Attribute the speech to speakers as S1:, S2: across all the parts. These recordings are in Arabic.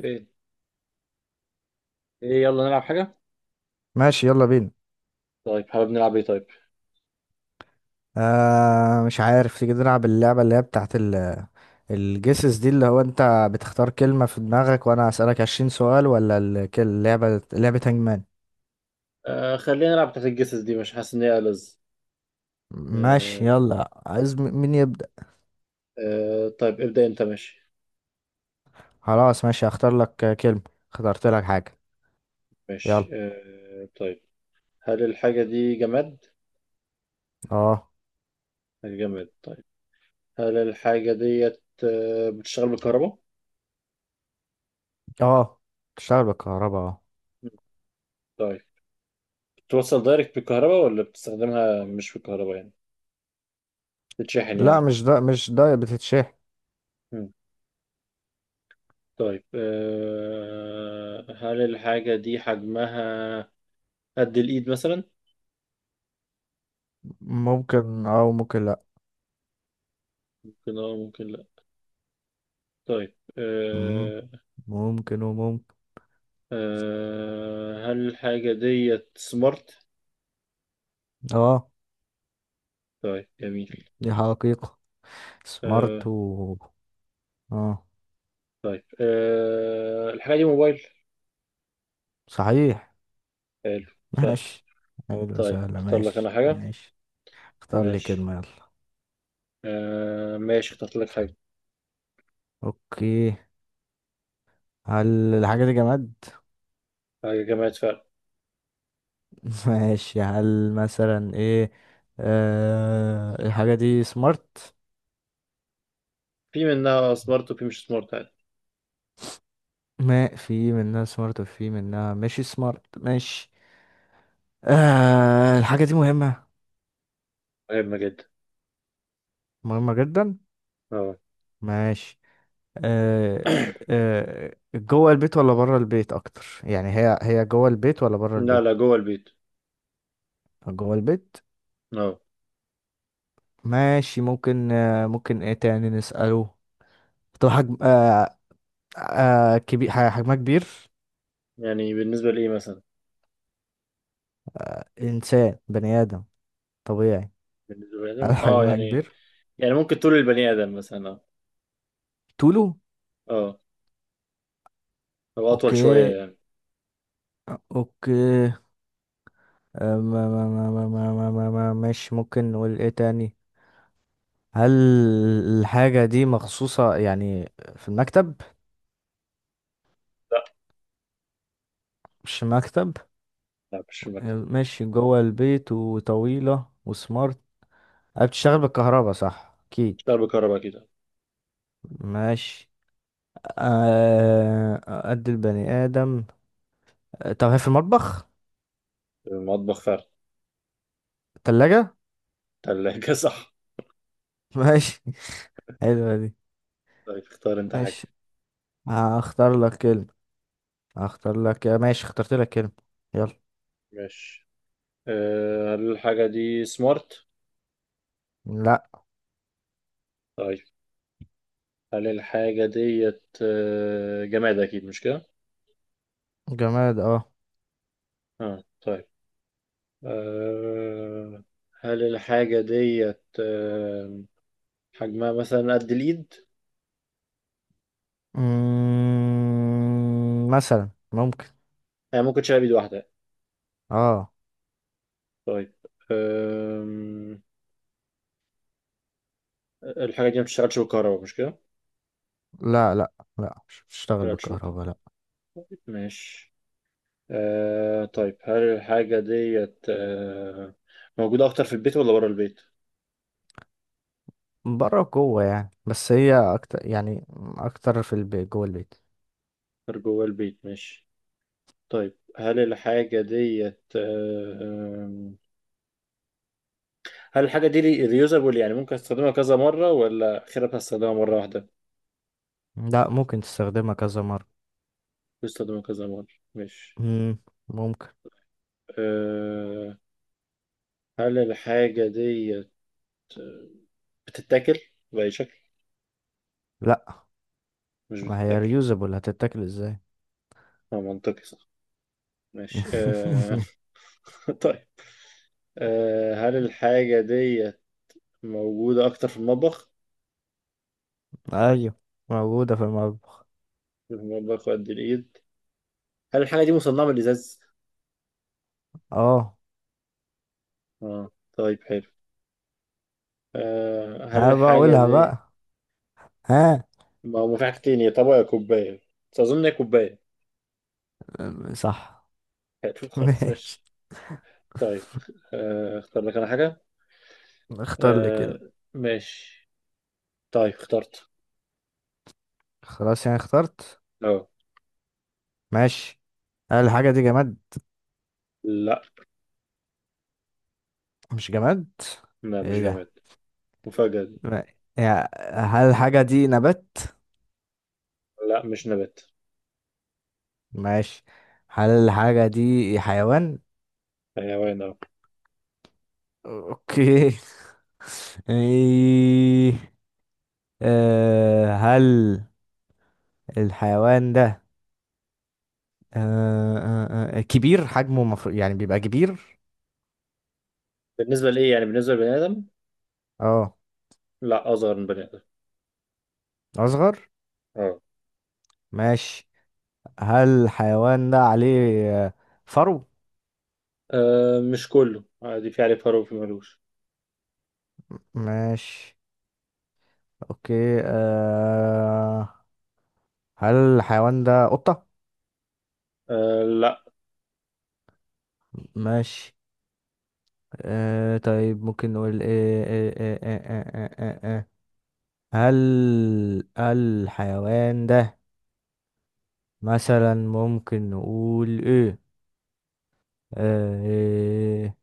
S1: ايه، ايه، يلا نلعب حاجة.
S2: ماشي، يلا بينا.
S1: طيب، حابب نلعب ايه؟ طيب.
S2: مش عارف تيجي نلعب اللعبة اللي هي بتاعت الجيسز دي، اللي هو انت بتختار كلمة في دماغك وانا اسألك 20 سؤال، ولا اللعبة لعبة هانجمان.
S1: آه، خلينا نلعب بتاعت الجسس دي، مش حاسس ان هي ألذ.
S2: ماشي،
S1: آه،
S2: يلا. عايز مين يبدأ؟
S1: آه، طيب ابدأ انت. ماشي.
S2: خلاص، ماشي، هختار لك كلمة. اخترت لك حاجة. يلا.
S1: ماشي، طيب، هل الحاجة دي جماد؟
S2: اه.
S1: جماد. طيب، هل الحاجة ديت بتشتغل بالكهرباء؟
S2: اه، تشتغل بالكهرباء، اه.
S1: مم. طيب، بتوصل دايركت بالكهرباء ولا بتستخدمها مش بالكهرباء يعني، بتتشحن
S2: لا،
S1: يعني.
S2: مش ده بتتشح.
S1: مم. طيب، هل الحاجة دي حجمها قد الإيد مثلا؟
S2: ممكن اه، وممكن لا.
S1: ممكن اه، ممكن لا. طيب.
S2: مم، ممكن وممكن.
S1: هل الحاجة ديت سمارت؟
S2: اه.
S1: طيب، جميل.
S2: دي حقيقة سمارت،
S1: أه
S2: و اه.
S1: طيب، الحاجة دي موبايل؟
S2: صحيح.
S1: حلو. سهل.
S2: ماشي. حلو.
S1: طيب،
S2: سهلة،
S1: اختار لك أنا
S2: ماشي
S1: حاجة.
S2: ماشي. اختار لي
S1: ماشي.
S2: كلمة، يلا.
S1: ماشي، اخترت لك حاجة.
S2: اوكي. هل الحاجة دي جماد؟
S1: حاجة جماعة فعلا.
S2: ماشي. هل مثلا ايه؟ الحاجة دي سمارت؟
S1: في منها سمارت وفي مش سمارت، عادي.
S2: ما في منها سمارت وفي منها ماشي سمارت، ماشي. الحاجة دي مهمة؟
S1: مهمة جدا.
S2: مهمة جدا.
S1: اه،
S2: ماشي. آه جوه البيت ولا بره البيت اكتر؟ يعني هي جوه البيت ولا بره
S1: لا،
S2: البيت؟
S1: لا، جوه البيت.
S2: جوه البيت.
S1: اه،
S2: ماشي. ممكن ممكن ايه تاني نسأله؟ طب حجم. كبير، حجمها كبير؟
S1: يعني بالنسبة لإيه مثلا؟
S2: انسان، بني ادم طبيعي.
S1: بالنسبة لبني
S2: هل
S1: آدم اه
S2: حجمها
S1: يعني.
S2: كبير؟
S1: يعني ممكن طول البني آدم مثلا. اه،
S2: طوله.
S1: اه، هو أطول
S2: اوكي.
S1: شوية يعني.
S2: اوكي. ما- ماشي. ممكن نقول ايه تاني. هل الحاجة دي مخصوصة يعني في المكتب؟ مش مكتب.
S1: لا، مش في المكتب.
S2: ماشي. جوه البيت، وطويلة، وسمارت. بتشتغل بالكهرباء، صح اكيد.
S1: مش بكهرباء كده.
S2: ماشي. آه، قد البني آدم. طب هي في المطبخ؟
S1: المطبخ فعلا.
S2: تلاجة.
S1: تلاجة صح.
S2: ماشي. حلوة دي.
S1: طيب، اختار انت
S2: ماشي.
S1: حاجة.
S2: هختار لك كلمة. هختار لك، ماشي، اخترت لك كلمة. يلا.
S1: ماشي. هل الحاجة دي سمارت؟
S2: لا.
S1: طيب، هل الحاجة ديت جماد أكيد مش كده؟
S2: جماد، اه.
S1: اه طيب. أه هل الحاجة ديت حجمها مثلا قد الإيد؟
S2: مثلا ممكن.
S1: هي ممكن تشيلها بإيد واحدة.
S2: اه.
S1: طيب. أم، الحاجة دي ما بتشتغلش بالكهرباء، مش كده؟ ما
S2: لا لا. لا، مش بتشتغل
S1: بتشتغلش بالكهرباء.
S2: بالكهرباء، لا.
S1: طيب، ماشي. طيب، هل الحاجة ديت موجودة أكتر في البيت ولا بره البيت؟
S2: بره، جوه يعني، بس هي اكتر يعني اكتر في البيت، جوه البيت.
S1: أكتر جوه البيت، ماشي. طيب، هل الحاجة ديت آم، هل الحاجة دي ريوزابل، يعني ممكن استخدمها كذا مرة ولا آخرها هستخدمها مرة واحدة؟
S2: لا، ممكن تستخدمها كذا مرة.
S1: بستخدمها كذا مرة، مش.
S2: مم، ممكن.
S1: آه، هل الحاجة ديت آه، بتتاكل بأي شكل؟
S2: لا،
S1: مش
S2: ما هي
S1: بتتاكل.
S2: ريوزابل، هتتاكل ازاي.
S1: اه، منطقي صح. ماشي. طيب. هل الحاجة ديت موجودة أكتر في المطبخ؟
S2: ايوه، موجودة في المطبخ.
S1: في المطبخ، وقد الإيد. هل الحاجة دي مصنعة من الإزاز؟
S2: اه.
S1: اه. طيب، حلو. آه، هل
S2: ها،
S1: الحاجة
S2: بقولها
S1: دي
S2: بقى. ها.
S1: ما هو في حاجتين، يا طبق يا كوباية، بس أظن هي كوباية.
S2: صح.
S1: هتشوف، خلاص
S2: ماشي.
S1: ماشي. طيب. اختار لك أنا حاجة.
S2: اختار لي كده.
S1: ماشي. طيب، اخترت.
S2: خلاص، يعني اخترت.
S1: أه
S2: ماشي. هل الحاجة دي جماد؟
S1: لا،
S2: مش جماد؟
S1: لا، مش
S2: ايه ده؟
S1: جماد. مفاجأة دي.
S2: ما- يا- هل الحاجة دي نبات؟
S1: لا، مش نبات.
S2: ماشي. هل الحاجة دي حيوان؟
S1: حيوان أه.
S2: اوكي. ايه؟ هل الحيوان ده، كبير حجمه؟ مفروض يعني بيبقى كبير.
S1: بالنسبة لإيه يعني؟ بالنسبة لبني آدم.
S2: اه.
S1: لا، أصغر من بني آدم.
S2: اصغر.
S1: أه.
S2: ماشي. هل الحيوان ده عليه فرو؟
S1: مش كله عادي، في عليه فرو وفي ملوش.
S2: ماشي. اوكي. هل الحيوان ده قطة؟
S1: لا،
S2: ماشي. طيب، ممكن نقول ايه إيه. هل الحيوان ده مثلا، ممكن نقول ايه؟ إيه؟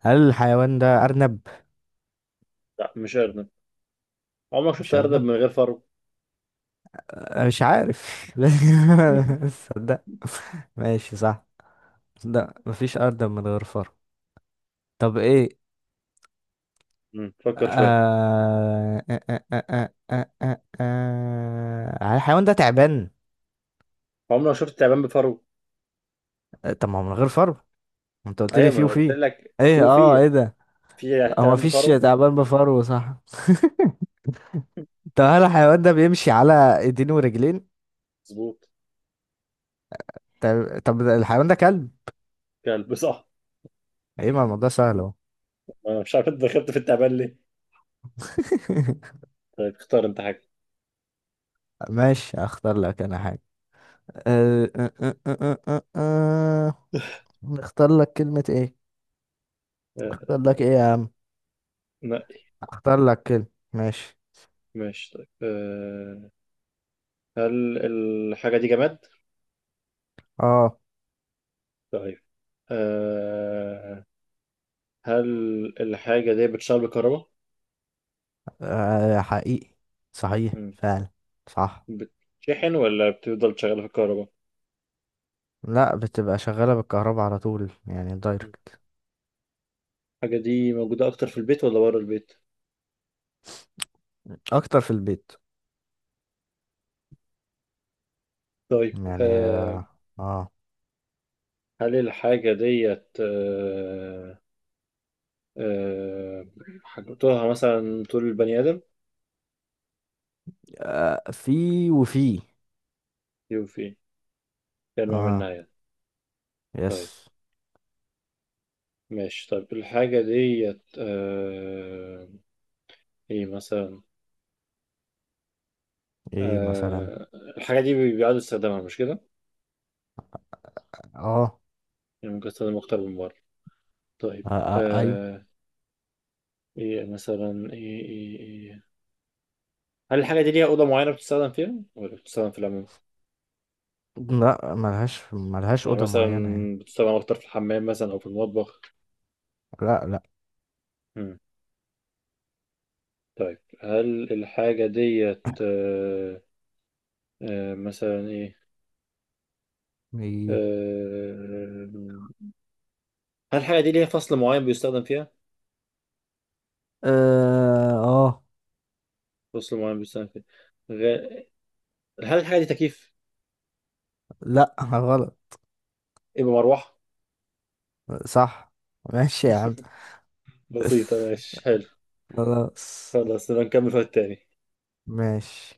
S2: هل الحيوان ده أرنب؟
S1: لا، مش أرنب. عمرك شفت
S2: مش
S1: أرنب
S2: أرنب؟
S1: من غير فرو؟
S2: أنا مش عارف. لا، صدق. ماشي، صح. صدق، مفيش أرض من غير فرع. طب إيه؟
S1: فكر شوية.
S2: آه... آه... آه... الحيوان ده تعبان؟
S1: عمرك شفت تعبان بفرو؟
S2: طب ما هو من غير فرو، ما انت قلت لي
S1: أيوة، ما
S2: فيه
S1: أنا قلت
S2: وفيه.
S1: لك في
S2: ايه
S1: وفي.
S2: ايه ده؟
S1: في
S2: هو
S1: تعبان
S2: مفيش
S1: بفرو؟
S2: تعبان بفرو، صح؟ طب هل الحيوان ده بيمشي على ايدين ورجلين؟
S1: مظبوط.
S2: طب، الحيوان ده كلب؟
S1: كلب صح.
S2: ايه، ما الموضوع سهل اهو.
S1: أنا مش عارف انت دخلت في التعبان ليه. طيب، اختار انت حاجة.
S2: ماشي. اختار لك انا حاجة. أه أه أه أه أه أه. نختار لك كلمة ايه؟
S1: آه،
S2: اختار لك ايه يا عم؟
S1: نقي.
S2: اختار لك كلمة. ماشي.
S1: ماشي، طيب. هل الحاجة دي جماد؟
S2: اه.
S1: طيب. آه، هل الحاجة دي بتشتغل بالكهرباء؟
S2: حقيقي، صحيح
S1: مم.
S2: فعلا، صح.
S1: بتشحن ولا بتفضل شغالة في الكهرباء؟
S2: لا، بتبقى شغالة بالكهرباء على طول، يعني
S1: مم.
S2: دايركت.
S1: الحاجة دي موجودة أكتر في البيت ولا بره البيت؟
S2: اكتر في البيت.
S1: طيب.
S2: يعني آه.
S1: هل الحاجة ديت آه، حاجتها مثلا طول البني آدم؟
S2: في وفي.
S1: يوفي، كلمة من
S2: اه.
S1: ناحية.
S2: يس.
S1: طيب، ماشي. طيب، الحاجة ديت. ايه مثلا؟
S2: ايه مثلا.
S1: آه... الحاجة دي بيقعدوا يستخدمها، مش كده؟
S2: اه,
S1: يعني ممكن استخدمها أكتر من مرة. طيب.
S2: آه، ايوه.
S1: آه... ايه مثلا؟ ايه، ايه، ايه. هل الحاجة دي ليها أوضة معينة بتستخدم فيها، ولا بتستخدم في العموم؟
S2: لا، ملهاش
S1: يعني
S2: أوضة
S1: مثلا،
S2: معينة يعني.
S1: بتستخدم أكتر في الحمام مثلا أو في المطبخ؟
S2: لا لا.
S1: مم. طيب، هل الحاجة ديت. مثلا ايه؟
S2: إيه.
S1: آه... هل الحاجة دي ليها فصل معين بيستخدم فيها؟
S2: اه،
S1: فصل معين بيستنفذ. غ... هل الحاجة دي تكييف؟
S2: لا، غلط.
S1: يبقى مروحة.
S2: صح. ماشي يا عم.
S1: بسيطة، ماشي حلو.
S2: خلاص،
S1: خلاص، يبقى نكمل في التاني.
S2: ماشي.